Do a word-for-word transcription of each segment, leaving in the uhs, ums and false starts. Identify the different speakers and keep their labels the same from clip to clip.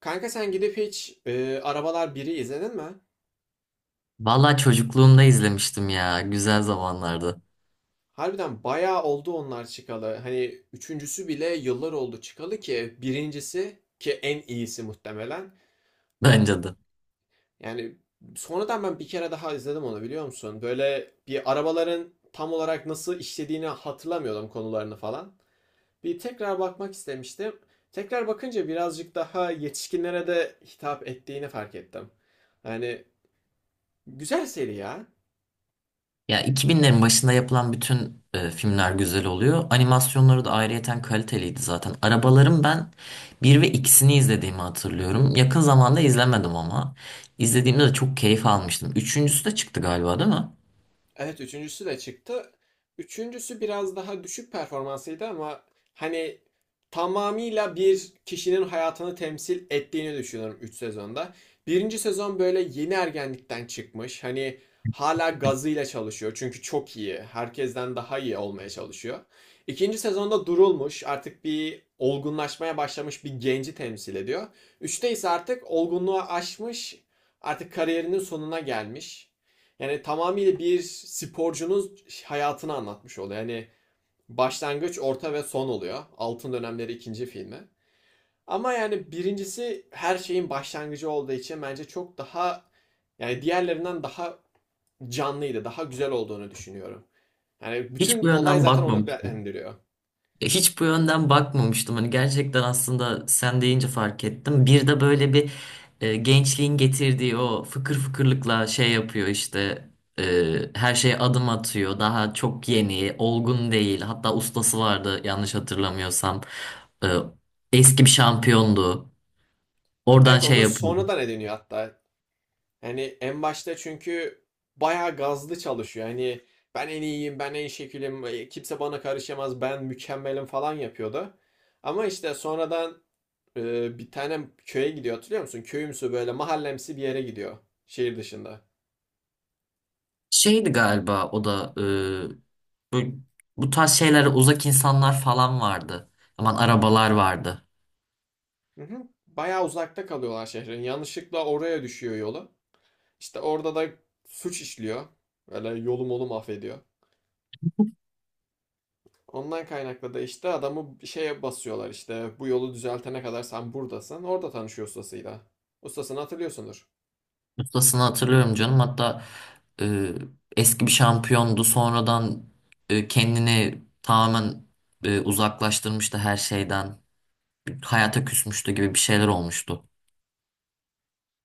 Speaker 1: Kanka sen gidip hiç e, Arabalar biri izledin mi?
Speaker 2: Vallahi çocukluğumda izlemiştim ya. Güzel zamanlardı.
Speaker 1: Harbiden bayağı oldu onlar çıkalı. Hani üçüncüsü bile yıllar oldu çıkalı ki birincisi ki en iyisi muhtemelen. Ya
Speaker 2: Bence de.
Speaker 1: yani sonradan ben bir kere daha izledim onu, biliyor musun? Böyle bir arabaların tam olarak nasıl işlediğini hatırlamıyordum, konularını falan. Bir tekrar bakmak istemiştim. Tekrar bakınca birazcık daha yetişkinlere de hitap ettiğini fark ettim. Yani güzel seri ya.
Speaker 2: Ya iki binlerin başında yapılan bütün e, filmler güzel oluyor. Animasyonları da ayrıyeten kaliteliydi zaten. Arabaların ben bir ve ikisini izlediğimi hatırlıyorum. Yakın zamanda izlemedim ama. İzlediğimde de çok keyif almıştım. Üçüncüsü de çıktı galiba, değil mi?
Speaker 1: Evet, üçüncüsü de çıktı. Üçüncüsü biraz daha düşük performansıydı ama hani tamamıyla bir kişinin hayatını temsil ettiğini düşünüyorum üç sezonda. Birinci sezon böyle yeni ergenlikten çıkmış. Hani hala gazıyla çalışıyor çünkü çok iyi. Herkesten daha iyi olmaya çalışıyor. İkinci sezonda durulmuş, artık bir olgunlaşmaya başlamış bir genci temsil ediyor. Üçte ise artık olgunluğa aşmış, artık kariyerinin sonuna gelmiş. Yani tamamıyla bir sporcunun hayatını anlatmış oluyor. Yani başlangıç, orta ve son oluyor. Altın Dönemleri ikinci filmi. Ama yani birincisi her şeyin başlangıcı olduğu için bence çok daha, yani diğerlerinden daha canlıydı, daha güzel olduğunu düşünüyorum. Yani
Speaker 2: Hiç
Speaker 1: bütün
Speaker 2: bu
Speaker 1: olay
Speaker 2: yönden
Speaker 1: zaten onu
Speaker 2: bakmamıştım.
Speaker 1: beğendiriyor.
Speaker 2: Hiç bu yönden bakmamıştım. Hani gerçekten aslında sen deyince fark ettim. Bir de böyle bir e, gençliğin getirdiği o fıkır fıkırlıkla şey yapıyor işte, e, her şeye adım atıyor. Daha çok yeni, olgun değil. Hatta ustası vardı yanlış hatırlamıyorsam. E, Eski bir şampiyondu. Oradan
Speaker 1: Evet,
Speaker 2: şey
Speaker 1: onu
Speaker 2: yapıyordu.
Speaker 1: sonradan ediniyor hatta. Yani en başta çünkü bayağı gazlı çalışıyor. Hani ben en iyiyim, ben en şekilim, e, kimse bana karışamaz, ben mükemmelim falan yapıyordu. Ama işte sonradan e, bir tane köye gidiyor, hatırlıyor musun? Köyümsü böyle mahallemsi bir yere gidiyor, şehir dışında.
Speaker 2: Şeydi galiba o da, e, bu, bu tarz şeylere uzak insanlar falan vardı. Aman arabalar vardı.
Speaker 1: Hı hı. Bayağı uzakta kalıyorlar şehrin. Yanlışlıkla oraya düşüyor yolu. İşte orada da suç işliyor. Böyle yolum olum affediyor. Ondan kaynaklı da işte adamı şeye basıyorlar, işte bu yolu düzeltene kadar sen buradasın. Orada tanışıyor ustasıyla. Ustasını hatırlıyorsundur.
Speaker 2: Ustasını hatırlıyorum canım. Hatta e, eski bir şampiyondu. Sonradan e, kendini tamamen e, uzaklaştırmıştı her şeyden. Hayata küsmüştü gibi bir şeyler olmuştu.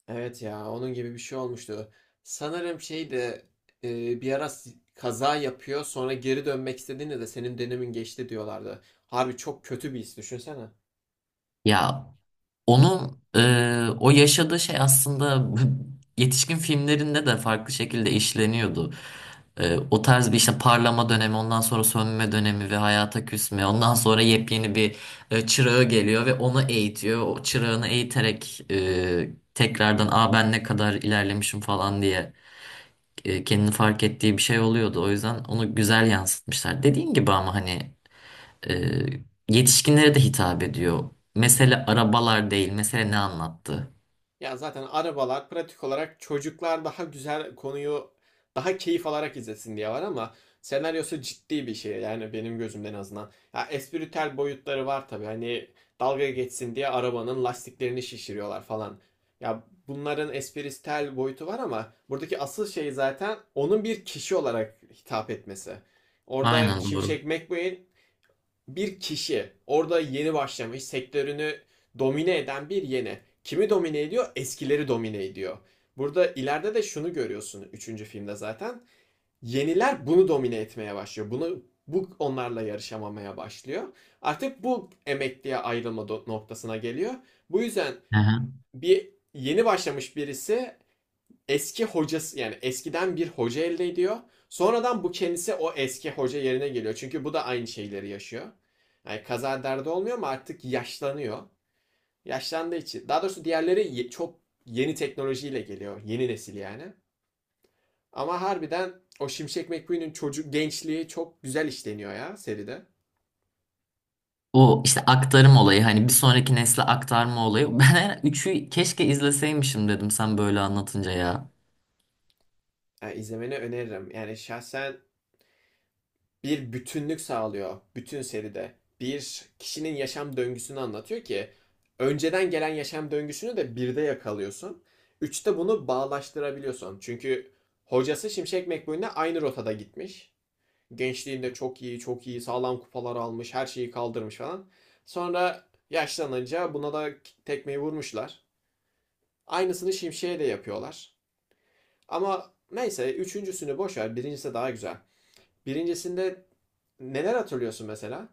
Speaker 1: Evet ya, onun gibi bir şey olmuştu. Sanırım şey de e, bir ara s- kaza yapıyor, sonra geri dönmek istediğinde de senin dönemin geçti diyorlardı. Harbi çok kötü bir his, düşünsene.
Speaker 2: Ya, onun e, o yaşadığı şey aslında yetişkin filmlerinde de farklı şekilde işleniyordu. E, o tarz bir işte parlama dönemi, ondan sonra sönme dönemi ve hayata küsme, ondan sonra yepyeni bir e, çırağı geliyor ve onu eğitiyor. O çırağını eğiterek e, tekrardan "Aa, ben ne kadar ilerlemişim" falan diye e, kendini fark ettiği bir şey oluyordu. O yüzden onu güzel yansıtmışlar. Dediğin gibi ama hani e, yetişkinlere de hitap ediyor. Mesele arabalar değil, mesele ne anlattı.
Speaker 1: Ya zaten arabalar pratik olarak çocuklar daha güzel konuyu daha keyif alarak izlesin diye var, ama senaryosu ciddi bir şey yani, benim gözümden en azından. Ya espritüel boyutları var tabii, hani dalga geçsin diye arabanın lastiklerini şişiriyorlar falan. Ya bunların espritüel boyutu var ama buradaki asıl şey zaten onun bir kişi olarak hitap etmesi. Orada
Speaker 2: Aynen, doğru.
Speaker 1: Şimşek McQueen bir kişi, orada yeni başlamış, sektörünü domine eden bir yeni. Kimi domine ediyor? Eskileri domine ediyor. Burada ileride de şunu görüyorsun üçüncü filmde zaten. Yeniler bunu domine etmeye başlıyor. Bunu bu onlarla yarışamamaya başlıyor. Artık bu emekliye ayrılma noktasına geliyor. Bu yüzden
Speaker 2: Hı hı.
Speaker 1: bir yeni başlamış birisi eski hocası, yani eskiden bir hoca elde ediyor. Sonradan bu kendisi o eski hoca yerine geliyor. Çünkü bu da aynı şeyleri yaşıyor. Yani kaza derdi olmuyor ama artık yaşlanıyor. Yaşlandığı için. Daha doğrusu diğerleri ye- çok yeni teknolojiyle geliyor. Yeni nesil yani. Ama harbiden o Şimşek McQueen'in çocuk gençliği çok güzel işleniyor ya seride.
Speaker 2: O işte aktarım olayı, hani bir sonraki nesle aktarma olayı. Ben üçü keşke izleseymişim dedim sen böyle anlatınca ya.
Speaker 1: Yani izlemeni öneririm. Yani şahsen bir bütünlük sağlıyor bütün seride. Bir kişinin yaşam döngüsünü anlatıyor ki önceden gelen yaşam döngüsünü de birde yakalıyorsun. Üçte bunu bağlaştırabiliyorsun. Çünkü hocası Şimşek McQueen'le aynı rotada gitmiş. Gençliğinde çok iyi, çok iyi, sağlam kupalar almış, her şeyi kaldırmış falan. Sonra yaşlanınca buna da tekmeyi vurmuşlar. Aynısını Şimşek'e de yapıyorlar. Ama neyse, üçüncüsünü boş ver, birincisi daha güzel. Birincisinde neler hatırlıyorsun mesela?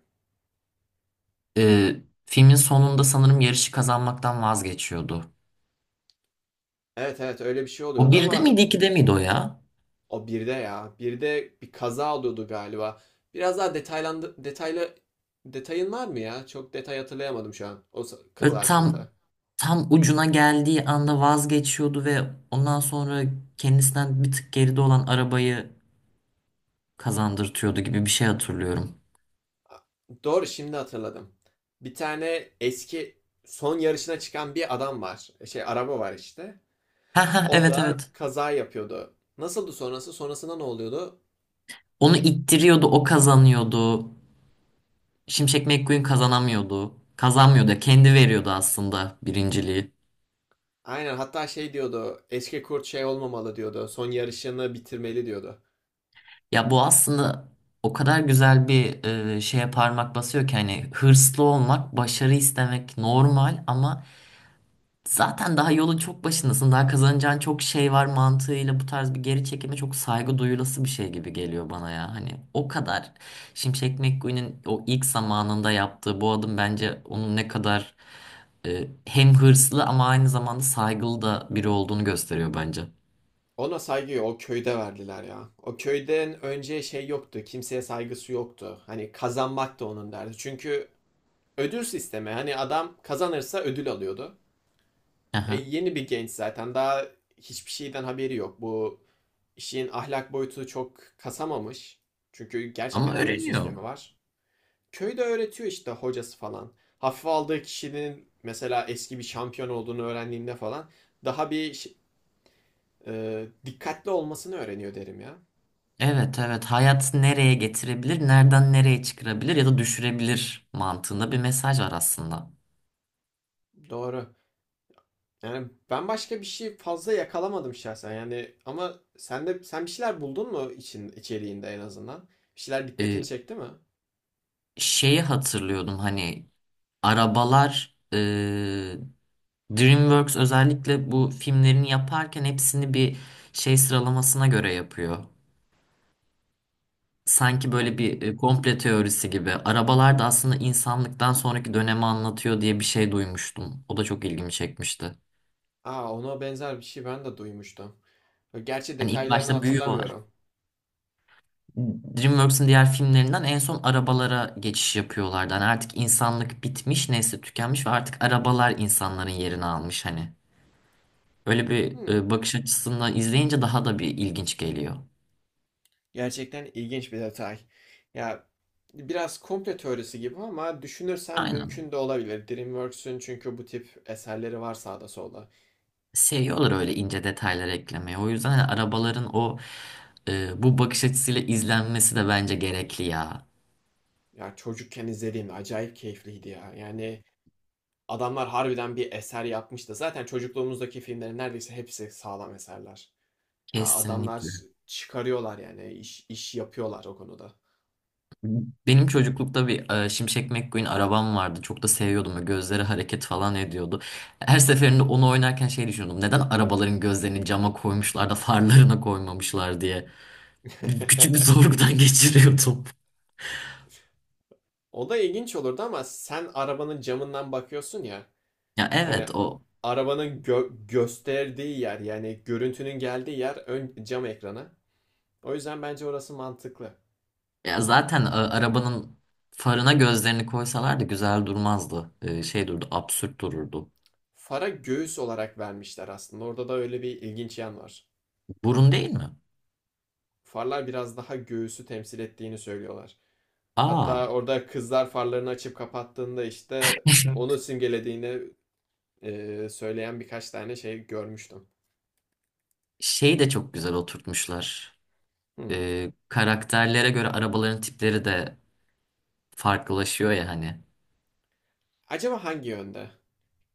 Speaker 2: Ee, Filmin sonunda sanırım yarışı kazanmaktan vazgeçiyordu.
Speaker 1: Evet evet, öyle bir şey
Speaker 2: O
Speaker 1: oluyordu
Speaker 2: birde
Speaker 1: ama
Speaker 2: miydi, ikide miydi o ya?
Speaker 1: o birde ya. Birde bir kaza oluyordu galiba. Biraz daha detaylandı detaylı detayın var mı ya? Çok detay hatırlayamadım şu an o s- kaza
Speaker 2: Böyle tam,
Speaker 1: hakkında.
Speaker 2: tam ucuna geldiği anda vazgeçiyordu ve ondan sonra kendisinden bir tık geride olan arabayı kazandırtıyordu gibi bir şey hatırlıyorum.
Speaker 1: A- Doğru, şimdi hatırladım. Bir tane eski son yarışına çıkan bir adam var. E, şey araba var işte.
Speaker 2: Ha ha,
Speaker 1: O
Speaker 2: evet
Speaker 1: da
Speaker 2: evet.
Speaker 1: kaza yapıyordu. Nasıldı sonrası? Sonrasında ne oluyordu?
Speaker 2: Onu ittiriyordu, o kazanıyordu. Şimşek McQueen kazanamıyordu. Kazanmıyordu. Kendi veriyordu aslında birinciliği.
Speaker 1: Aynen, hatta şey diyordu. Eski kurt şey olmamalı diyordu. Son yarışını bitirmeli diyordu.
Speaker 2: Ya bu aslında o kadar güzel bir e, şeye parmak basıyor ki, hani hırslı olmak, başarı istemek normal ama zaten daha yolun çok başındasın. Daha kazanacağın çok şey var mantığıyla bu tarz bir geri çekime çok saygı duyulası bir şey gibi geliyor bana ya. Hani o kadar, Şimşek McQueen'in o ilk zamanında yaptığı bu adım bence onun ne kadar e, hem hırslı ama aynı zamanda saygılı da biri olduğunu gösteriyor bence.
Speaker 1: Ona saygıyı o köyde verdiler ya. O köyden önce şey yoktu. Kimseye saygısı yoktu. Hani kazanmak da onun derdi. Çünkü ödül sistemi. Hani adam kazanırsa ödül alıyordu. E,
Speaker 2: Aha.
Speaker 1: yeni bir genç zaten. Daha hiçbir şeyden haberi yok. Bu işin ahlak boyutu çok kasamamış. Çünkü
Speaker 2: Ama
Speaker 1: gerçekten ödül
Speaker 2: öğreniyor.
Speaker 1: sistemi var. Köyde öğretiyor işte hocası falan. Hafife aldığı kişinin mesela eski bir şampiyon olduğunu öğrendiğinde falan daha bir e, dikkatli olmasını öğreniyor derim ya.
Speaker 2: Evet evet, hayat nereye getirebilir, nereden nereye çıkarabilir ya da düşürebilir mantığında bir mesaj var aslında.
Speaker 1: Doğru. Yani ben başka bir şey fazla yakalamadım şahsen. Yani ama sen de, sen bir şeyler buldun mu için içeriğinde en azından? Bir şeyler dikkatini
Speaker 2: E,
Speaker 1: çekti mi?
Speaker 2: Şeyi hatırlıyordum, hani arabalar, e, DreamWorks özellikle bu filmlerini yaparken hepsini bir şey sıralamasına göre yapıyor. Sanki
Speaker 1: Ne?
Speaker 2: böyle bir e, komple teorisi gibi. Arabalar da aslında insanlıktan sonraki dönemi anlatıyor diye bir şey duymuştum. O da çok ilgimi çekmişti.
Speaker 1: Aa, ona benzer bir şey ben de duymuştum. Gerçi
Speaker 2: Hani ilk
Speaker 1: detaylarını
Speaker 2: başta büyü var.
Speaker 1: hatırlamıyorum.
Speaker 2: DreamWorks'ın diğer filmlerinden en son arabalara geçiş yapıyorlardı. Hani artık insanlık bitmiş, nesli tükenmiş ve artık arabalar insanların yerini almış hani. Öyle bir
Speaker 1: Hmm,
Speaker 2: e, bakış açısından izleyince daha da bir ilginç geliyor.
Speaker 1: gerçekten ilginç bir detay. Ya biraz komplo teorisi gibi ama düşünürsen
Speaker 2: Aynen.
Speaker 1: mümkün de olabilir. DreamWorks'ün çünkü bu tip eserleri var sağda solda.
Speaker 2: Seviyorlar öyle ince detayları eklemeyi. O yüzden hani arabaların o e, bu bakış açısıyla izlenmesi de bence gerekli ya.
Speaker 1: Ya çocukken izlediğimde acayip keyifliydi ya. Yani adamlar harbiden bir eser yapmış da zaten çocukluğumuzdaki filmlerin neredeyse hepsi sağlam eserler. Ya adamlar
Speaker 2: Kesinlikle.
Speaker 1: çıkarıyorlar, yani iş, iş yapıyorlar o konuda.
Speaker 2: Benim çocuklukta bir e, Şimşek McQueen arabam vardı. Çok da seviyordum. Böyle gözleri hareket falan ediyordu. Her seferinde onu oynarken şey düşünüyordum: neden arabaların gözlerini cama koymuşlar da farlarına koymamışlar diye. Bir- Küçük bir sorgudan geçiriyordum.
Speaker 1: O da ilginç olurdu ama sen arabanın camından bakıyorsun ya.
Speaker 2: Ya
Speaker 1: Yani
Speaker 2: evet, o
Speaker 1: arabanın gö- gösterdiği yer, yani görüntünün geldiği yer ön cam ekranı. O yüzden bence orası mantıklı.
Speaker 2: Ya zaten a- arabanın farına gözlerini koysalardı güzel durmazdı. Ee, şey durdu, absürt dururdu.
Speaker 1: Fara göğüs olarak vermişler aslında. Orada da öyle bir ilginç yan var.
Speaker 2: Burun değil mi?
Speaker 1: Farlar biraz daha göğüsü temsil ettiğini söylüyorlar.
Speaker 2: Aa.
Speaker 1: Hatta orada kızlar farlarını açıp kapattığında işte onu simgelediğini e, söyleyen birkaç tane şey görmüştüm.
Speaker 2: Şeyi de çok güzel oturtmuşlar.
Speaker 1: Hmm.
Speaker 2: Ee, karakterlere göre arabaların tipleri de farklılaşıyor ya hani.
Speaker 1: Acaba hangi yönde?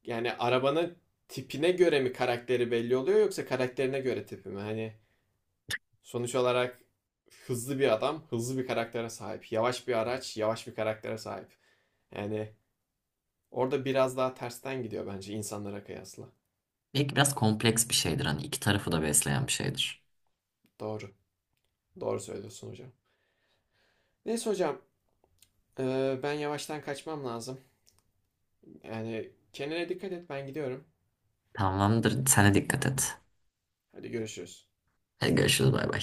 Speaker 1: Yani arabanın tipine göre mi karakteri belli oluyor yoksa karakterine göre tipi mi? Hani sonuç olarak hızlı bir adam, hızlı bir karaktere sahip. Yavaş bir araç, yavaş bir karaktere sahip. Yani orada biraz daha tersten gidiyor bence insanlara kıyasla.
Speaker 2: Belki biraz kompleks bir şeydir, hani iki tarafı da besleyen bir şeydir.
Speaker 1: Doğru. Doğru söylüyorsun hocam. Neyse hocam, e, ben yavaştan kaçmam lazım. Yani kendine dikkat et, ben gidiyorum.
Speaker 2: Tamamdır. Sen de dikkat et.
Speaker 1: Hadi görüşürüz.
Speaker 2: Hadi görüşürüz, bay bay.